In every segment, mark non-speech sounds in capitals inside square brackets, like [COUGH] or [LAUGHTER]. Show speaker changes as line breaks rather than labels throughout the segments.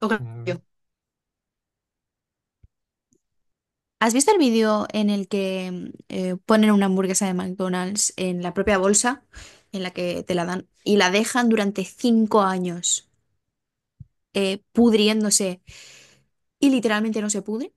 Ok, yo.
Mm.
¿Has visto el vídeo en el que ponen una hamburguesa de McDonald's en la propia bolsa en la que te la dan y la dejan durante cinco años, pudriéndose y literalmente no se pudre?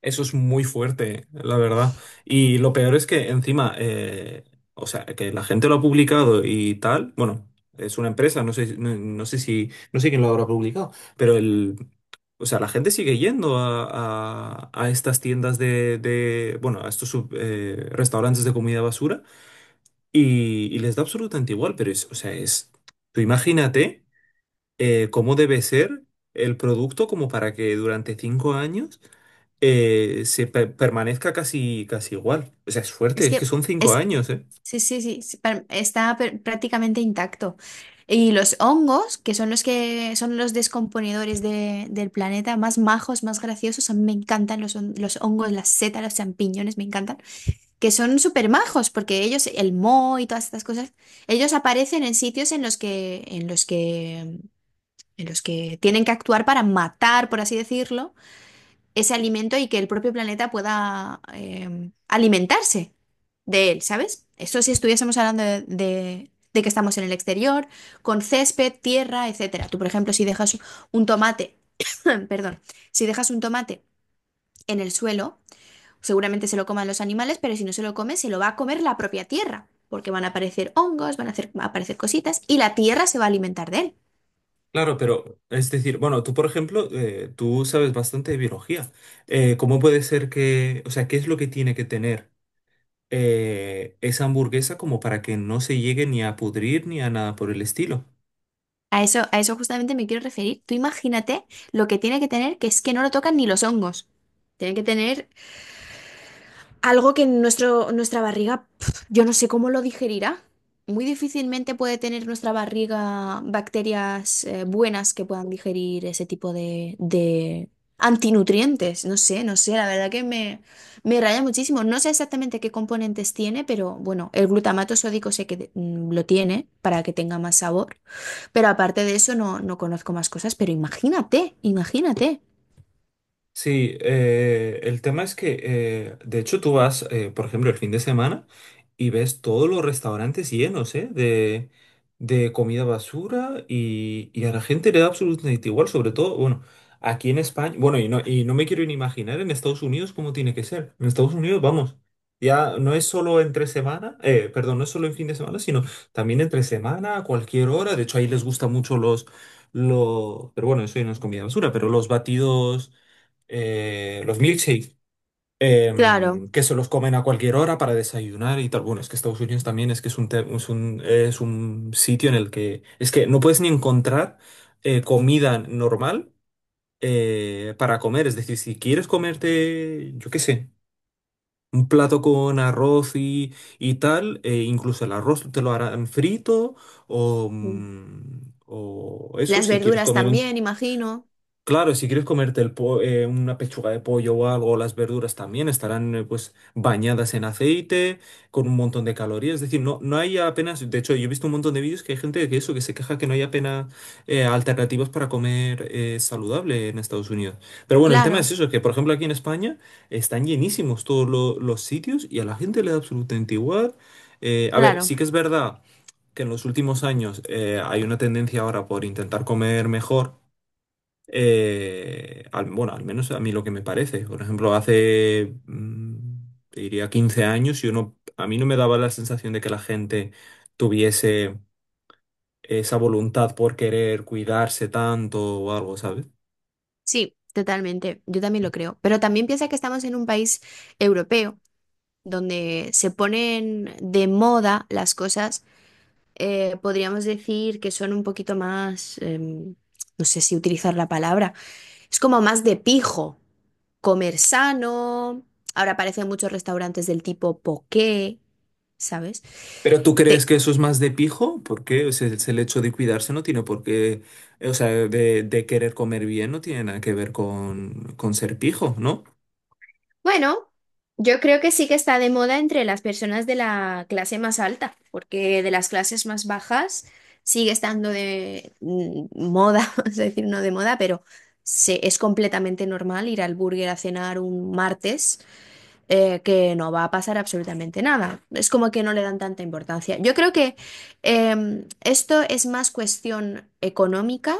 Eso es muy fuerte, la verdad. Y lo peor es que encima, que la gente lo ha publicado y tal, bueno, es una empresa, no sé, no sé quién lo habrá publicado, pero o sea, la gente sigue yendo a estas tiendas bueno, a estos restaurantes de comida basura y les da absolutamente igual, pero es, o sea, es, tú imagínate. Cómo debe ser el producto como para que durante cinco años se permanezca casi, casi igual. O sea, es fuerte,
Es
es que
que
son cinco
es...
años, ¿eh?
Sí, sí, sí, sí, está prácticamente intacto. Y los hongos, que son los descomponedores del planeta, más majos, más graciosos, a mí me encantan los hongos, las setas, los champiñones, me encantan, que son súper majos. Porque ellos, el Mo y todas estas cosas, ellos aparecen en sitios en los que, en los que, en los que tienen que actuar para matar, por así decirlo, ese alimento y que el propio planeta pueda alimentarse de él, ¿sabes? Eso si estuviésemos hablando de, de que estamos en el exterior, con césped, tierra, etcétera. Tú, por ejemplo, si dejas un tomate, [CLEARS THROAT] perdón, si dejas un tomate en el suelo, seguramente se lo coman los animales, pero si no se lo come, se lo va a comer la propia tierra, porque van a aparecer hongos, van a aparecer cositas y la tierra se va a alimentar de él.
Claro, pero es decir, bueno, tú por ejemplo, tú sabes bastante de biología. ¿Cómo puede ser qué es lo que tiene que tener esa hamburguesa como para que no se llegue ni a pudrir ni a nada por el estilo?
A eso justamente me quiero referir. Tú imagínate lo que tiene que tener, que es que no lo tocan ni los hongos. Tienen que tener algo que nuestro, nuestra barriga, pf, yo no sé cómo lo digerirá. Muy difícilmente puede tener nuestra barriga bacterias buenas que puedan digerir ese tipo de antinutrientes. No sé, no sé, la verdad que me raya muchísimo. No sé exactamente qué componentes tiene, pero bueno, el glutamato sódico sé que lo tiene para que tenga más sabor. Pero aparte de eso no, no conozco más cosas, pero imagínate, imagínate.
Sí, el tema es de hecho, tú vas, por ejemplo, el fin de semana y ves todos los restaurantes llenos, ¿eh? De comida basura y a la gente le da absolutamente igual, sobre todo, bueno, aquí en España, bueno, y no me quiero ni imaginar en Estados Unidos cómo tiene que ser. En Estados Unidos, vamos, ya no es solo entre semana, perdón, no es solo en fin de semana, sino también entre semana, a cualquier hora. De hecho, ahí les gustan mucho pero bueno, eso ya no es comida basura, pero los batidos los milkshakes,
Claro.
que se los comen a cualquier hora para desayunar y tal. Bueno, es que Estados Unidos también es que es un, es un, es un sitio en el que es que no puedes ni encontrar comida normal para comer. Es decir, si quieres comerte, yo qué sé. Un plato con arroz y tal, incluso el arroz te lo harán frito o, o eso,
Las
si quieres
verduras
comer un
también, imagino.
Claro, si quieres comerte el una pechuga de pollo o algo, las verduras también estarán pues bañadas en aceite, con un montón de calorías. Es decir, no, no hay apenas, de hecho, yo he visto un montón de vídeos que hay gente que eso, que se queja que no hay apenas alternativas para comer saludable en Estados Unidos. Pero bueno, el tema es
Claro.
eso, que por ejemplo aquí en España están llenísimos todos los sitios y a la gente le da absolutamente igual. A ver, sí
Claro,
que es verdad que en los últimos años hay una tendencia ahora por intentar comer mejor. Bueno, al menos a mí lo que me parece. Por ejemplo, hace, te diría, 15 años, yo no, a mí no me daba la sensación de que la gente tuviese esa voluntad por querer cuidarse tanto o algo, ¿sabes?
sí, totalmente. Yo también lo creo. Pero también piensa que estamos en un país europeo donde se ponen de moda las cosas. Podríamos decir que son un poquito más, no sé si utilizar la palabra, es como más de pijo, comer sano. Ahora aparecen muchos restaurantes del tipo poké, ¿sabes?
Pero ¿tú crees
Te-
que eso es más de pijo? Porque o sea, es el hecho de cuidarse no tiene por qué, o sea, de querer comer bien no tiene nada que ver con ser pijo, ¿no?
Bueno, yo creo que sí que está de moda entre las personas de la clase más alta, porque de las clases más bajas sigue estando de moda, [LAUGHS] vamos a decir, no de moda, pero es completamente normal ir al burger a cenar un martes, que no va a pasar absolutamente nada. Es como que no le dan tanta importancia. Yo creo que esto es más cuestión económica,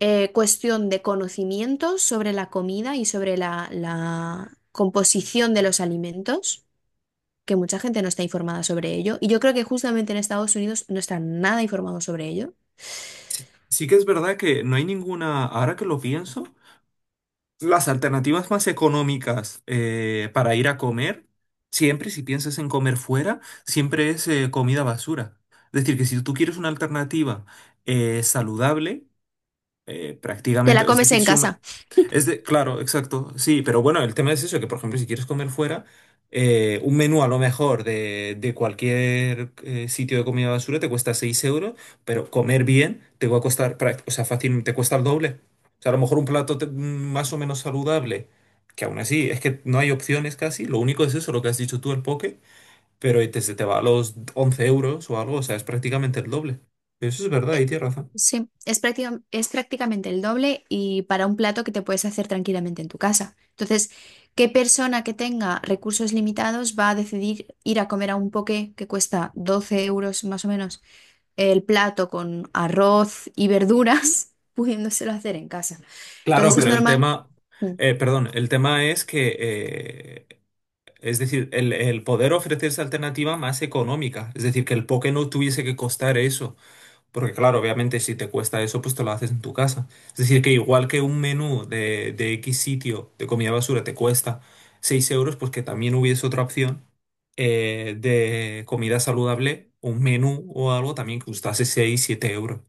cuestión de conocimientos sobre la comida y sobre la, la composición de los alimentos, que mucha gente no está informada sobre ello. Y yo creo que justamente en Estados Unidos no están nada informados sobre ello.
Sí que es verdad que no hay ninguna, ahora que lo pienso, las alternativas más económicas para ir a comer, siempre si piensas en comer fuera, siempre es comida basura. Es decir, que si tú quieres una alternativa saludable,
Te la
prácticamente, es
comes
decir,
en
si un-
casa.
es de, claro, exacto, sí, pero bueno, el tema es eso, que por ejemplo, si quieres comer fuera, un menú a lo mejor de cualquier sitio de comida basura te cuesta 6 euros, pero comer bien te va a costar, o sea, fácil, te cuesta el doble. O sea, a lo mejor un más o menos saludable, que aún así es que no hay opciones casi, lo único es eso, lo que has dicho tú, el poke, se te va a los 11 euros o algo, o sea, es prácticamente el doble. Eso es verdad, y
Eh,
tienes razón.
sí, es es prácticamente el doble y para un plato que te puedes hacer tranquilamente en tu casa. Entonces, ¿qué persona que tenga recursos limitados va a decidir ir a comer a un poke que cuesta 12 euros más o menos? El plato con arroz y verduras, [LAUGHS] pudiéndoselo hacer en casa.
Claro,
Entonces es normal. Mm.
el tema es es decir, el poder ofrecer esa alternativa más económica, es decir, que el poke no tuviese que costar eso, porque claro, obviamente si te cuesta eso, pues te lo haces en tu casa. Es decir, que igual que un menú de X sitio de comida basura te cuesta 6 euros, pues que también hubiese otra opción de comida saludable, un menú o algo también que costase 6 7 euros.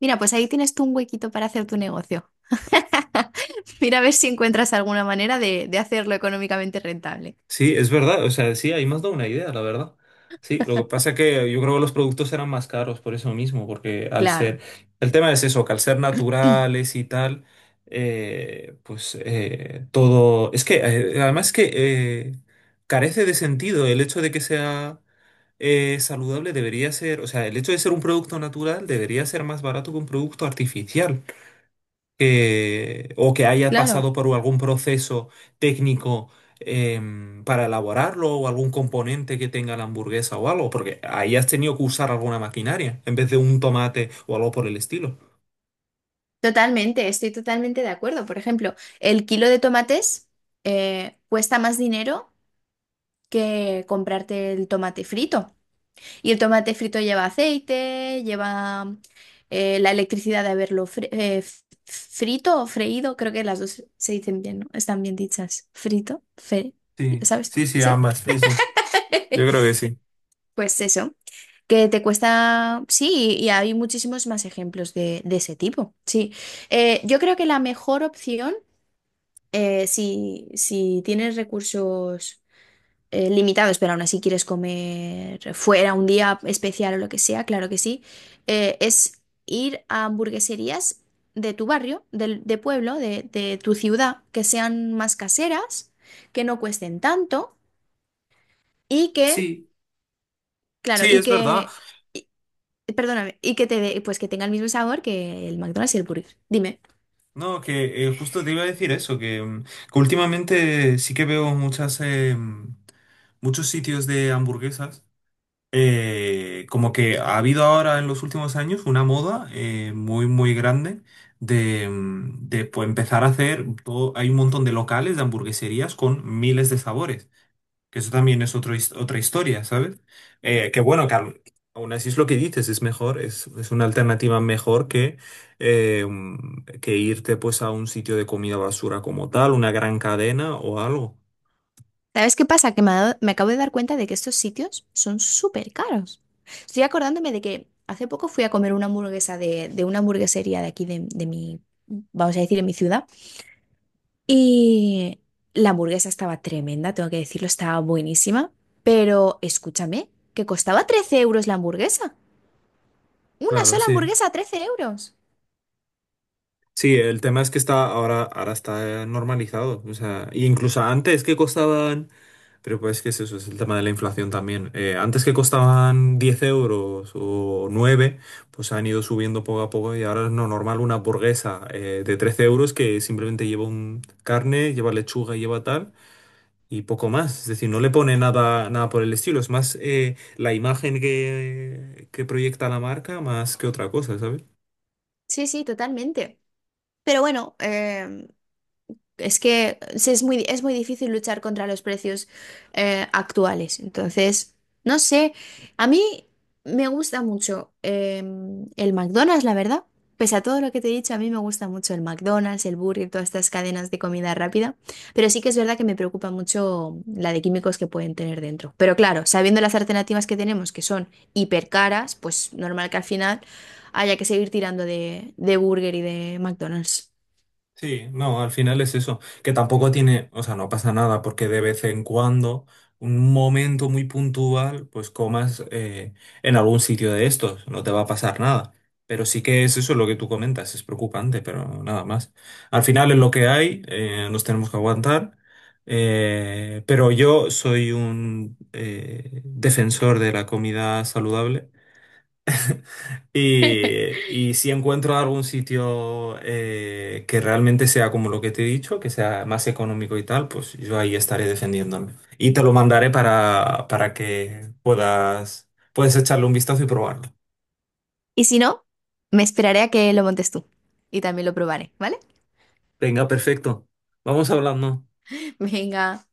Mira, pues ahí tienes tú un huequito para hacer tu negocio. [LAUGHS] Mira a ver si encuentras alguna manera de hacerlo económicamente rentable.
Sí, es verdad, o sea, sí, ahí me has dado una idea, la verdad. Sí, lo que pasa es que yo creo que los productos eran más caros por eso mismo, porque al
Claro,
ser, el tema es eso, que al ser naturales y tal, todo, es que además que eh, carece de sentido el hecho de que sea saludable debería ser, o sea, el hecho de ser un producto natural debería ser más barato que un producto artificial o que haya
claro,
pasado por algún proceso técnico para elaborarlo o algún componente que tenga la hamburguesa o algo, porque ahí has tenido que usar alguna maquinaria en vez de un tomate o algo por el estilo.
totalmente, estoy totalmente de acuerdo. Por ejemplo, el kilo de tomates cuesta más dinero que comprarte el tomate frito. Y el tomate frito lleva aceite, lleva la electricidad de haberlo frito o freído, creo que las dos se dicen bien, ¿no? Están bien dichas. Frito, fe,
Sí,
¿sabes?
sí, sí,
Sí.
ambas, sí, sí. Yo creo
[LAUGHS]
que sí.
Pues eso, que te cuesta, sí, y hay muchísimos más ejemplos de ese tipo, sí. Yo creo que la mejor opción, si, si tienes recursos limitados, pero aún así quieres comer fuera un día especial o lo que sea, claro que sí, es ir a hamburgueserías de tu barrio, de, pueblo, de tu ciudad, que sean más caseras, que no cuesten tanto y que,
Sí,
claro,
sí,
y
es verdad.
que, y- perdóname, y que pues que tenga el mismo sabor que el McDonald's y el Burger. Dime.
No, que justo te iba a decir eso, que últimamente sí que veo muchas, muchos sitios de hamburguesas. Como que ha habido ahora en los últimos años una moda muy muy grande de, pues, empezar a hacer todo, hay un montón de locales de hamburgueserías con miles de sabores, que eso también es otro otra historia, ¿sabes? Que bueno, que al- Aún así es lo que dices, es mejor, es una alternativa mejor que, que irte pues a un sitio de comida basura como tal, una gran cadena o algo.
¿Sabes qué pasa? Que me, me acabo de dar cuenta de que estos sitios son súper caros. Estoy acordándome de que hace poco fui a comer una hamburguesa de una hamburguesería de aquí de mi, vamos a decir, en mi ciudad. Y la hamburguesa estaba tremenda, tengo que decirlo, estaba buenísima. Pero escúchame, que costaba 13 euros la hamburguesa. Una
Claro,
sola
sí.
hamburguesa a 13 euros.
Sí, el tema es que está ahora, ahora está normalizado. O sea, y incluso antes que costaban, pero pues que es eso, es el tema de la inflación también. Antes que costaban 10 euros o 9, pues han ido subiendo poco a poco y ahora es no normal una hamburguesa de 13 euros que simplemente lleva un carne, lleva lechuga y lleva tal. Y poco más, es decir, no le pone nada, nada por el estilo, es más la imagen que proyecta la marca más que otra cosa, ¿sabes?
Sí, sí, totalmente. Pero bueno, es que sí, es muy difícil luchar contra los precios actuales. Entonces, no sé, a mí me gusta mucho el McDonald's, la verdad. Pese a todo lo que te he dicho, a mí me gusta mucho el McDonald's, el Burger, todas estas cadenas de comida rápida. Pero sí que es verdad que me preocupa mucho la de químicos que pueden tener dentro. Pero claro, sabiendo las alternativas que tenemos, que son hiper caras, pues normal que al final haya que seguir tirando de Burger y de McDonald's.
Sí, no, al final es eso, que tampoco tiene, o sea, no pasa nada porque de vez en cuando, un momento muy puntual, pues comas en algún sitio de estos, no te va a pasar nada. Pero sí que es eso lo que tú comentas, es preocupante, pero nada más. Al final es lo que hay, nos tenemos que aguantar, pero yo soy un defensor de la comida saludable. Y si encuentro algún sitio que realmente sea como lo que te he dicho, que sea más económico y tal, pues yo ahí estaré defendiéndome. Y te lo mandaré para que puedas, puedes echarle un vistazo y probarlo.
Y si no, me esperaré a que lo montes tú y también lo probaré, ¿vale?
Venga, perfecto. Vamos hablando.
[LAUGHS] Venga,